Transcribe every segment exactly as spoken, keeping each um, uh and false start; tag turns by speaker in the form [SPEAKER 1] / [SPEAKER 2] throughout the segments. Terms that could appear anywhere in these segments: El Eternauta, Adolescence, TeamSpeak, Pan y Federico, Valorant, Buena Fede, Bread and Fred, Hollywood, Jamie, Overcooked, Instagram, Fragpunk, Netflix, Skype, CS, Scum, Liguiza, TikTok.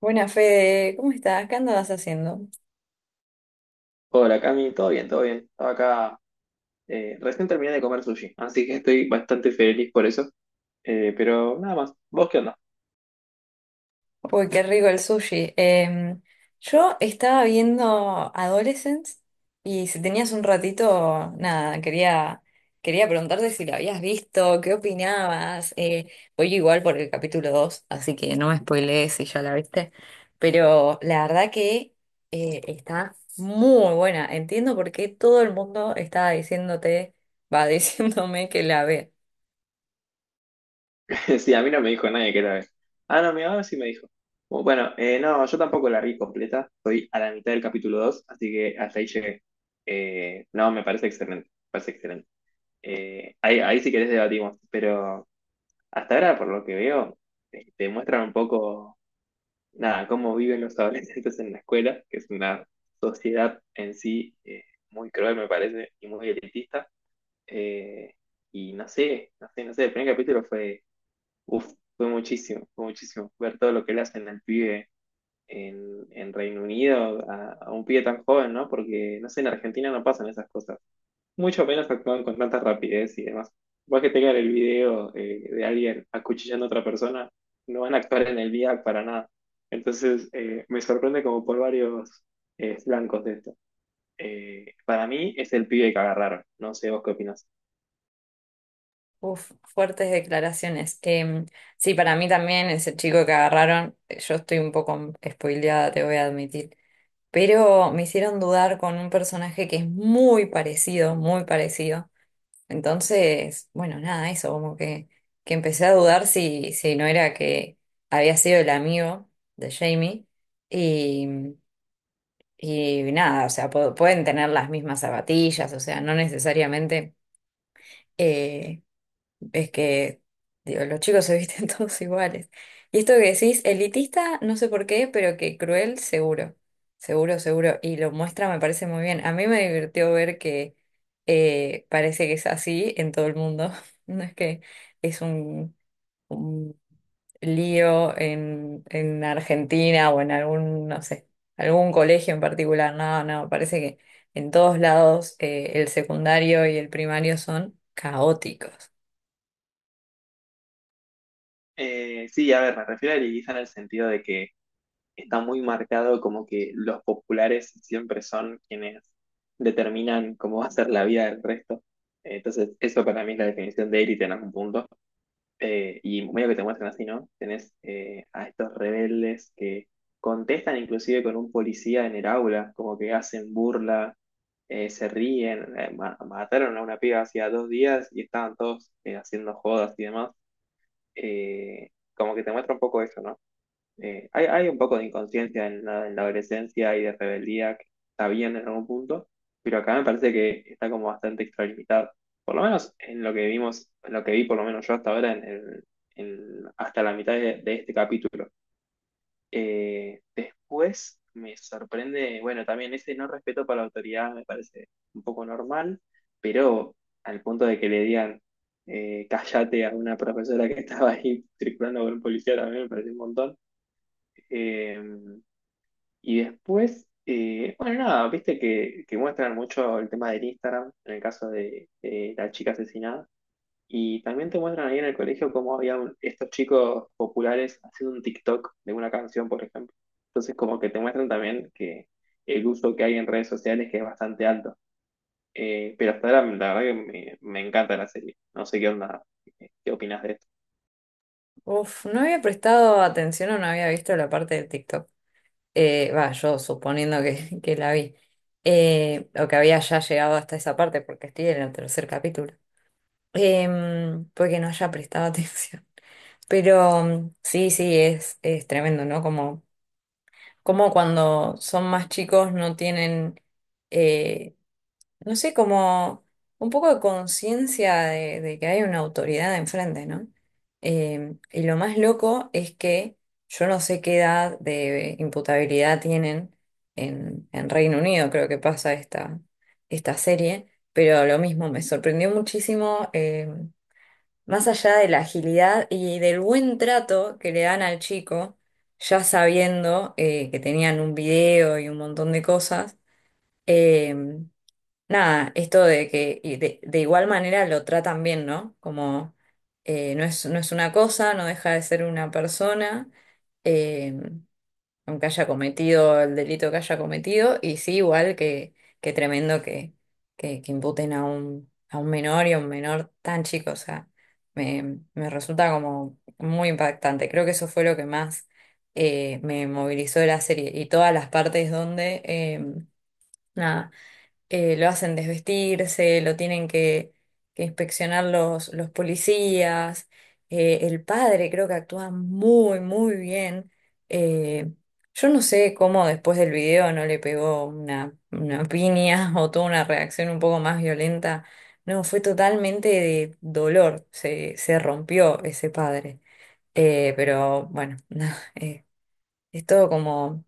[SPEAKER 1] Buena Fede, ¿cómo estás? ¿Qué andabas haciendo?
[SPEAKER 2] Hola Cami, todo bien, todo bien. Estaba acá, eh, recién terminé de comer sushi, así que estoy bastante feliz por eso. Eh, pero nada más, ¿vos qué onda?
[SPEAKER 1] Uy, qué rico el sushi. Eh, yo estaba viendo Adolescence y si tenías un ratito, nada, quería, quería preguntarte si lo habías visto, qué opinabas. Eh, voy igual por el capítulo dos, así que no me spoilees si ya la viste. Pero la verdad que eh, está muy buena. Entiendo por qué todo el mundo estaba diciéndote, va diciéndome que la vea.
[SPEAKER 2] Sí, a mí no me dijo nadie que era vez. Ah, no, mi ahora sí me dijo. Bu- Bueno, eh, no, yo tampoco la vi completa, estoy a la mitad del capítulo dos, así que hasta ahí llegué. Eh, no, me parece excelente, me parece excelente. Eh, ahí, ahí si querés debatimos, pero hasta ahora, por lo que veo, eh, te muestran un poco nada, cómo viven los adolescentes en la escuela, que es una sociedad en sí eh, muy cruel, me parece, y muy elitista. Eh, y no sé, no sé, no sé, el primer capítulo fue, uf, fue muchísimo, fue muchísimo. Ver todo lo que le hacen al pibe en, en Reino Unido, a, a un pibe tan joven, ¿no? Porque, no sé, en Argentina no pasan esas cosas, mucho menos actúan con tanta rapidez y demás. Vos que tengan el video eh, de alguien acuchillando a otra persona, no van a actuar en el día para nada. Entonces, eh, me sorprende como por varios eh, flancos de esto. Eh, para mí es el pibe que agarraron, no sé vos qué opinás.
[SPEAKER 1] Uf, fuertes declaraciones. Em, sí, para mí también ese chico que agarraron, yo estoy un poco spoileada, te voy a admitir, pero me hicieron dudar con un personaje que es muy parecido, muy parecido. Entonces, bueno, nada, eso, como que, que empecé a dudar si, si no era que había sido el amigo de Jamie y, y nada, o sea, pu- pueden tener las mismas zapatillas, o sea, no necesariamente... eh, es que, digo, los chicos se visten todos iguales. Y esto que decís, elitista, no sé por qué, pero que cruel, seguro. Seguro, seguro. Y lo muestra, me parece muy bien. A mí me divirtió ver que eh, parece que es así en todo el mundo. No es que es un, un lío en, en Argentina o en algún, no sé, algún colegio en particular. No, no, parece que en todos lados eh, el secundario y el primario son caóticos.
[SPEAKER 2] Eh, sí, a ver, me refiero a Liguiza en el sentido de que está muy marcado como que los populares siempre son quienes determinan cómo va a ser la vida del resto. Eh, Entonces, eso para mí es la definición de élite en algún punto. Eh, y medio que te muestran así, ¿no? Tenés eh, a estos rebeldes que contestan inclusive con un policía en el aula, como que hacen burla, eh, se ríen, eh, ma- mataron a una piba hacía dos días y estaban todos eh, haciendo jodas y demás. Eh, Como que te muestra un poco eso, ¿no? Eh, hay, hay un poco de inconsciencia en la, en la adolescencia y de rebeldía que está bien en algún punto, pero acá me parece que está como bastante extralimitado. Por lo menos en lo que vimos, en lo que vi por lo menos yo hasta ahora, en, el- en- hasta la mitad de, de este capítulo. Eh, después me sorprende, bueno, también ese no respeto para la autoridad me parece un poco normal, pero al punto de que le digan eh, cállate a una profesora que estaba ahí circulando con un policía también me parece un montón. Eh, y después, eh, bueno, nada, viste que, que muestran mucho el tema del Instagram, en el caso de eh, la chica asesinada. Y también te muestran ahí en el colegio cómo había un- estos chicos populares haciendo un TikTok de una canción, por ejemplo. Entonces, como que te muestran también que el uso que hay en redes sociales que es bastante alto. Eh, pero hasta ahora, la verdad que me, me encanta la serie. No sé qué onda, eh, qué opinas de eso.
[SPEAKER 1] Uf, no había prestado atención o no había visto la parte del TikTok. Eh, va, yo suponiendo que, que la vi. Eh, o que había ya llegado hasta esa parte porque estoy en el tercer capítulo. Em, porque no haya prestado atención. Pero mm, sí, sí, es, es tremendo, ¿no? Como, como cuando son más chicos no tienen eh, no sé, como un poco de conciencia de, de que hay una autoridad enfrente, ¿no? Eh, y lo más loco es que yo no sé qué edad de imputabilidad tienen en, en Reino Unido, creo que pasa esta, esta serie, pero lo mismo, me sorprendió muchísimo, eh, más allá de la agilidad y del buen trato que le dan al chico, ya sabiendo eh, que tenían un video y un montón de cosas. em, Nada, esto de que y de, de igual manera lo tratan bien, ¿no? Como eh, no es, no es una cosa, no deja de ser una persona, eh, aunque haya cometido el delito que haya cometido, y sí, igual que, que tremendo que, que, que imputen a un, a un menor y a un menor tan chico, o sea, me, me resulta como muy impactante. Creo que eso fue lo que más eh, me movilizó de la serie y todas las partes donde... em, nada eh, lo hacen desvestirse, lo tienen que, que inspeccionar los, los policías, eh, el padre creo que actúa muy, muy bien. eh, yo no sé cómo después del video no le pegó una, una piña o tuvo una reacción un poco más violenta. No, fue totalmente de dolor, se, se rompió ese padre. Eh, pero bueno, no, eh, es todo como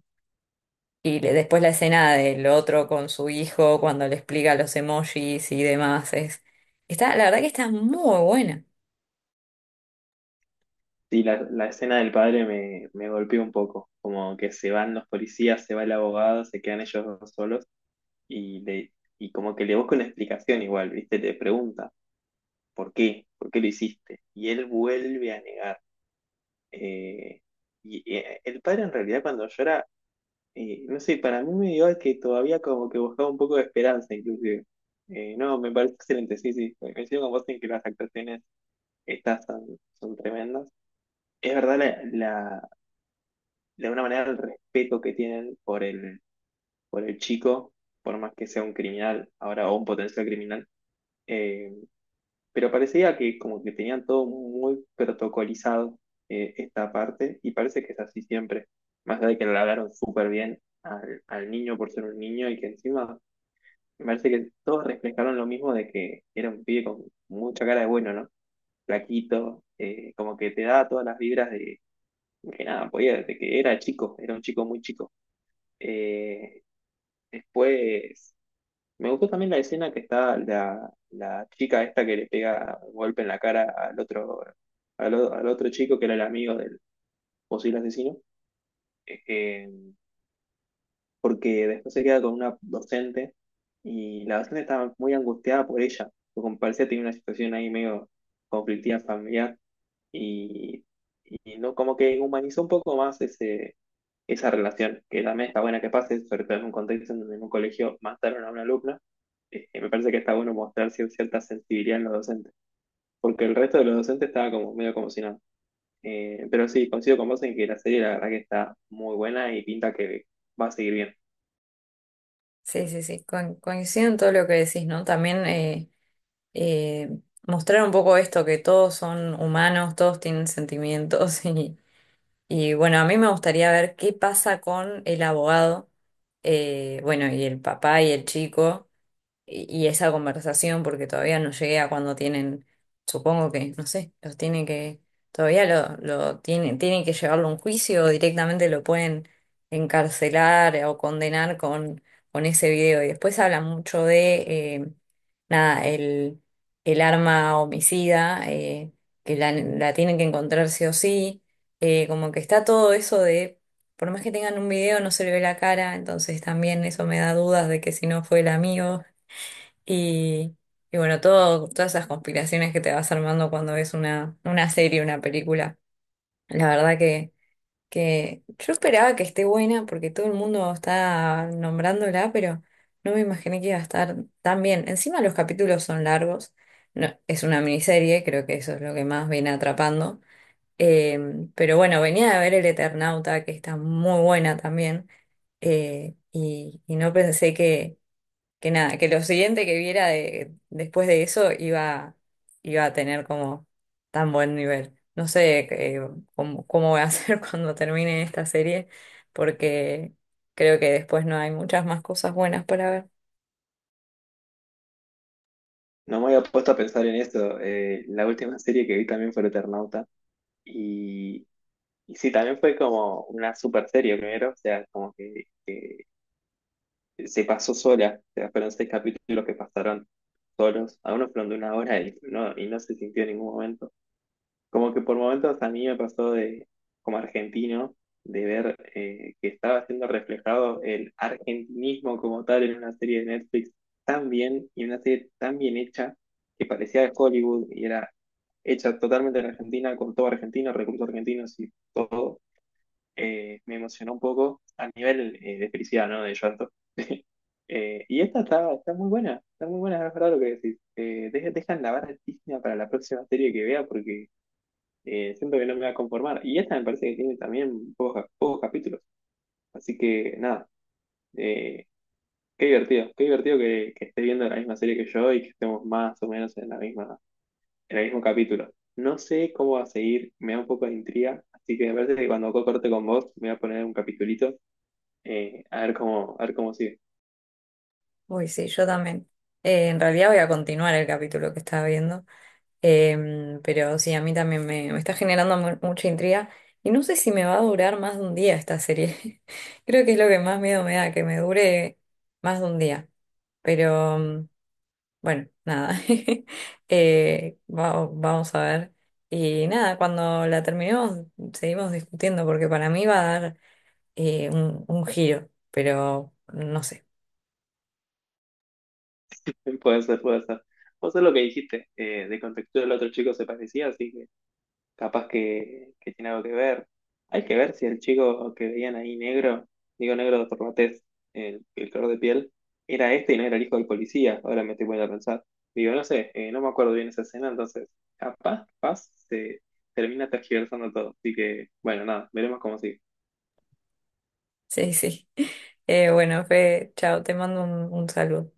[SPEAKER 1] y le- después la escena del otro con su hijo cuando le explica los emojis y demás es está, la verdad que está muy buena.
[SPEAKER 2] Sí, la, la escena del padre me, me golpeó un poco, como que se van los policías, se va el abogado, se quedan ellos dos solos y, le, y como que le busca una explicación igual, ¿viste? Le pregunta, ¿por qué? ¿Por qué lo hiciste? Y él vuelve a negar. eh, y eh, el padre en realidad cuando llora, eh, no sé, para mí me dio que todavía como que buscaba un poco de esperanza inclusive. Eh, no, me parece excelente, sí, sí, coincido con vos en que las actuaciones estas son, son tremendas. Es verdad la, la- de alguna manera el respeto que tienen por el, por el chico, por más que sea un criminal ahora o un potencial criminal. Eh, pero parecía que como que tenían todo muy protocolizado eh, esta parte y parece que es así siempre, más allá de que le hablaron súper bien al, al niño por ser un niño y que encima me parece que todos reflejaron lo mismo de que era un pibe con mucha cara de bueno, ¿no? Flaquito, eh, como que te da todas las vibras de que nada, podía, de que era chico, era un chico muy chico. Eh, Después, me gustó también la escena que está la, la chica esta que le pega un golpe en la cara al otro, al, o- al otro chico que era el amigo del posible asesino, eh, eh, porque después se queda con una docente y la docente estaba muy angustiada por ella, porque como parecía tenía una situación ahí medio conflictiva familiar y, y no, como que humanizó un poco más ese, esa relación, que también está buena que pase, sobre todo en un contexto en donde en un colegio mataron a una alumna. Eh, me parece que está bueno mostrar cier- cierta sensibilidad en los docentes, porque el resto de los docentes estaba como medio como si nada. Eh, pero sí, coincido con vos en que la serie la verdad que está muy buena y pinta que va a seguir bien.
[SPEAKER 1] Sí, sí, sí. Con- coincido en todo lo que decís, ¿no? También eh, eh, mostrar un poco esto, que todos son humanos, todos tienen sentimientos y, y bueno, a mí me gustaría ver qué pasa con el abogado, eh, bueno, y el papá y el chico. Y, y esa conversación, porque todavía no llegué a cuando tienen, supongo que, no sé, los tiene que, todavía lo, lo tienen, tienen que llevarlo a un juicio o directamente lo pueden encarcelar eh, o condenar con, con ese video. Y después habla mucho de, eh, nada, el, el arma homicida, eh, que la, la tienen que encontrar sí o sí, eh, como que está todo eso de... Por más que tengan un video, no se le ve la cara, entonces también eso me da dudas de que si no fue el amigo. Y, y bueno, todo, todas esas conspiraciones que te vas armando cuando ves una, una serie, una película. La verdad que, que yo esperaba que esté buena porque todo el mundo está nombrándola, pero no me imaginé que iba a estar tan bien. Encima los capítulos son largos. No, es una miniserie, creo que eso es lo que más viene atrapando. Eh, pero bueno, venía de ver El Eternauta, que está muy buena también. Eh, y, y no pensé que que nada, que lo siguiente que viera de- después de eso iba, iba a tener como tan buen nivel. No sé eh, cómo, cómo voy a hacer cuando termine esta serie, porque creo que después no hay muchas más cosas buenas para ver.
[SPEAKER 2] No me había puesto a pensar en eso, eh, la última serie que vi también fue El Eternauta y, y sí, también fue como una super serie primero, o sea, como que se pasó sola, o sea, fueron seis capítulos que pasaron solos, algunos fueron de una hora y no, y no se sintió en ningún momento. Como que por momentos a mí me pasó de, como argentino, de ver eh, que estaba siendo reflejado el argentinismo como tal en una serie de Netflix tan bien y una serie tan bien hecha que parecía de Hollywood y era hecha totalmente en Argentina, con todo argentino, recursos argentinos y todo, eh, me emocionó un poco a nivel eh, de felicidad, ¿no? De llanto. Eh, y esta está, está muy buena, está muy buena, es verdad lo que decís. Eh, deja- dejan la barra altísima para la próxima serie que vea porque eh, siento que no me va a conformar. Y esta me parece que tiene también pocos, pocos capítulos. Así que nada, eh, qué divertido, qué divertido que, que esté viendo la misma serie que yo y que estemos más o menos en la misma, en el mismo capítulo. No sé cómo va a seguir, me da un poco de intriga, así que me parece que cuando corte con vos me voy a poner un capitulito, eh, a ver cómo, a ver cómo sigue.
[SPEAKER 1] Uy, sí, yo también. Eh, en realidad voy a continuar el capítulo que estaba viendo. Em, pero sí, a mí también me, me está generando mu- mucha intriga y no sé si me va a durar más de un día esta serie. Creo que es lo que más miedo me da, que me dure más de un día. Pero mm, bueno, nada, Eh, va- vamos a ver. Y nada, cuando la terminemos seguimos discutiendo porque para mí va a dar eh, un, un giro, pero no sé.
[SPEAKER 2] Puede ser, puede ser. Vos es lo que dijiste, eh, de contextura el otro chico se parecía, así que capaz que, que tiene algo que ver. Hay que ver si el chico que veían ahí negro, digo negro por la tez, el, el color de piel, era este y no era el hijo del policía. Ahora me estoy poniendo a pensar. Digo, no sé, eh, no me acuerdo bien esa escena, entonces capaz, capaz se termina tergiversando todo. Así que, bueno, nada, veremos cómo sigue.
[SPEAKER 1] Sí, sí. Eh, bueno, Fe, chao, te mando un, un saludo.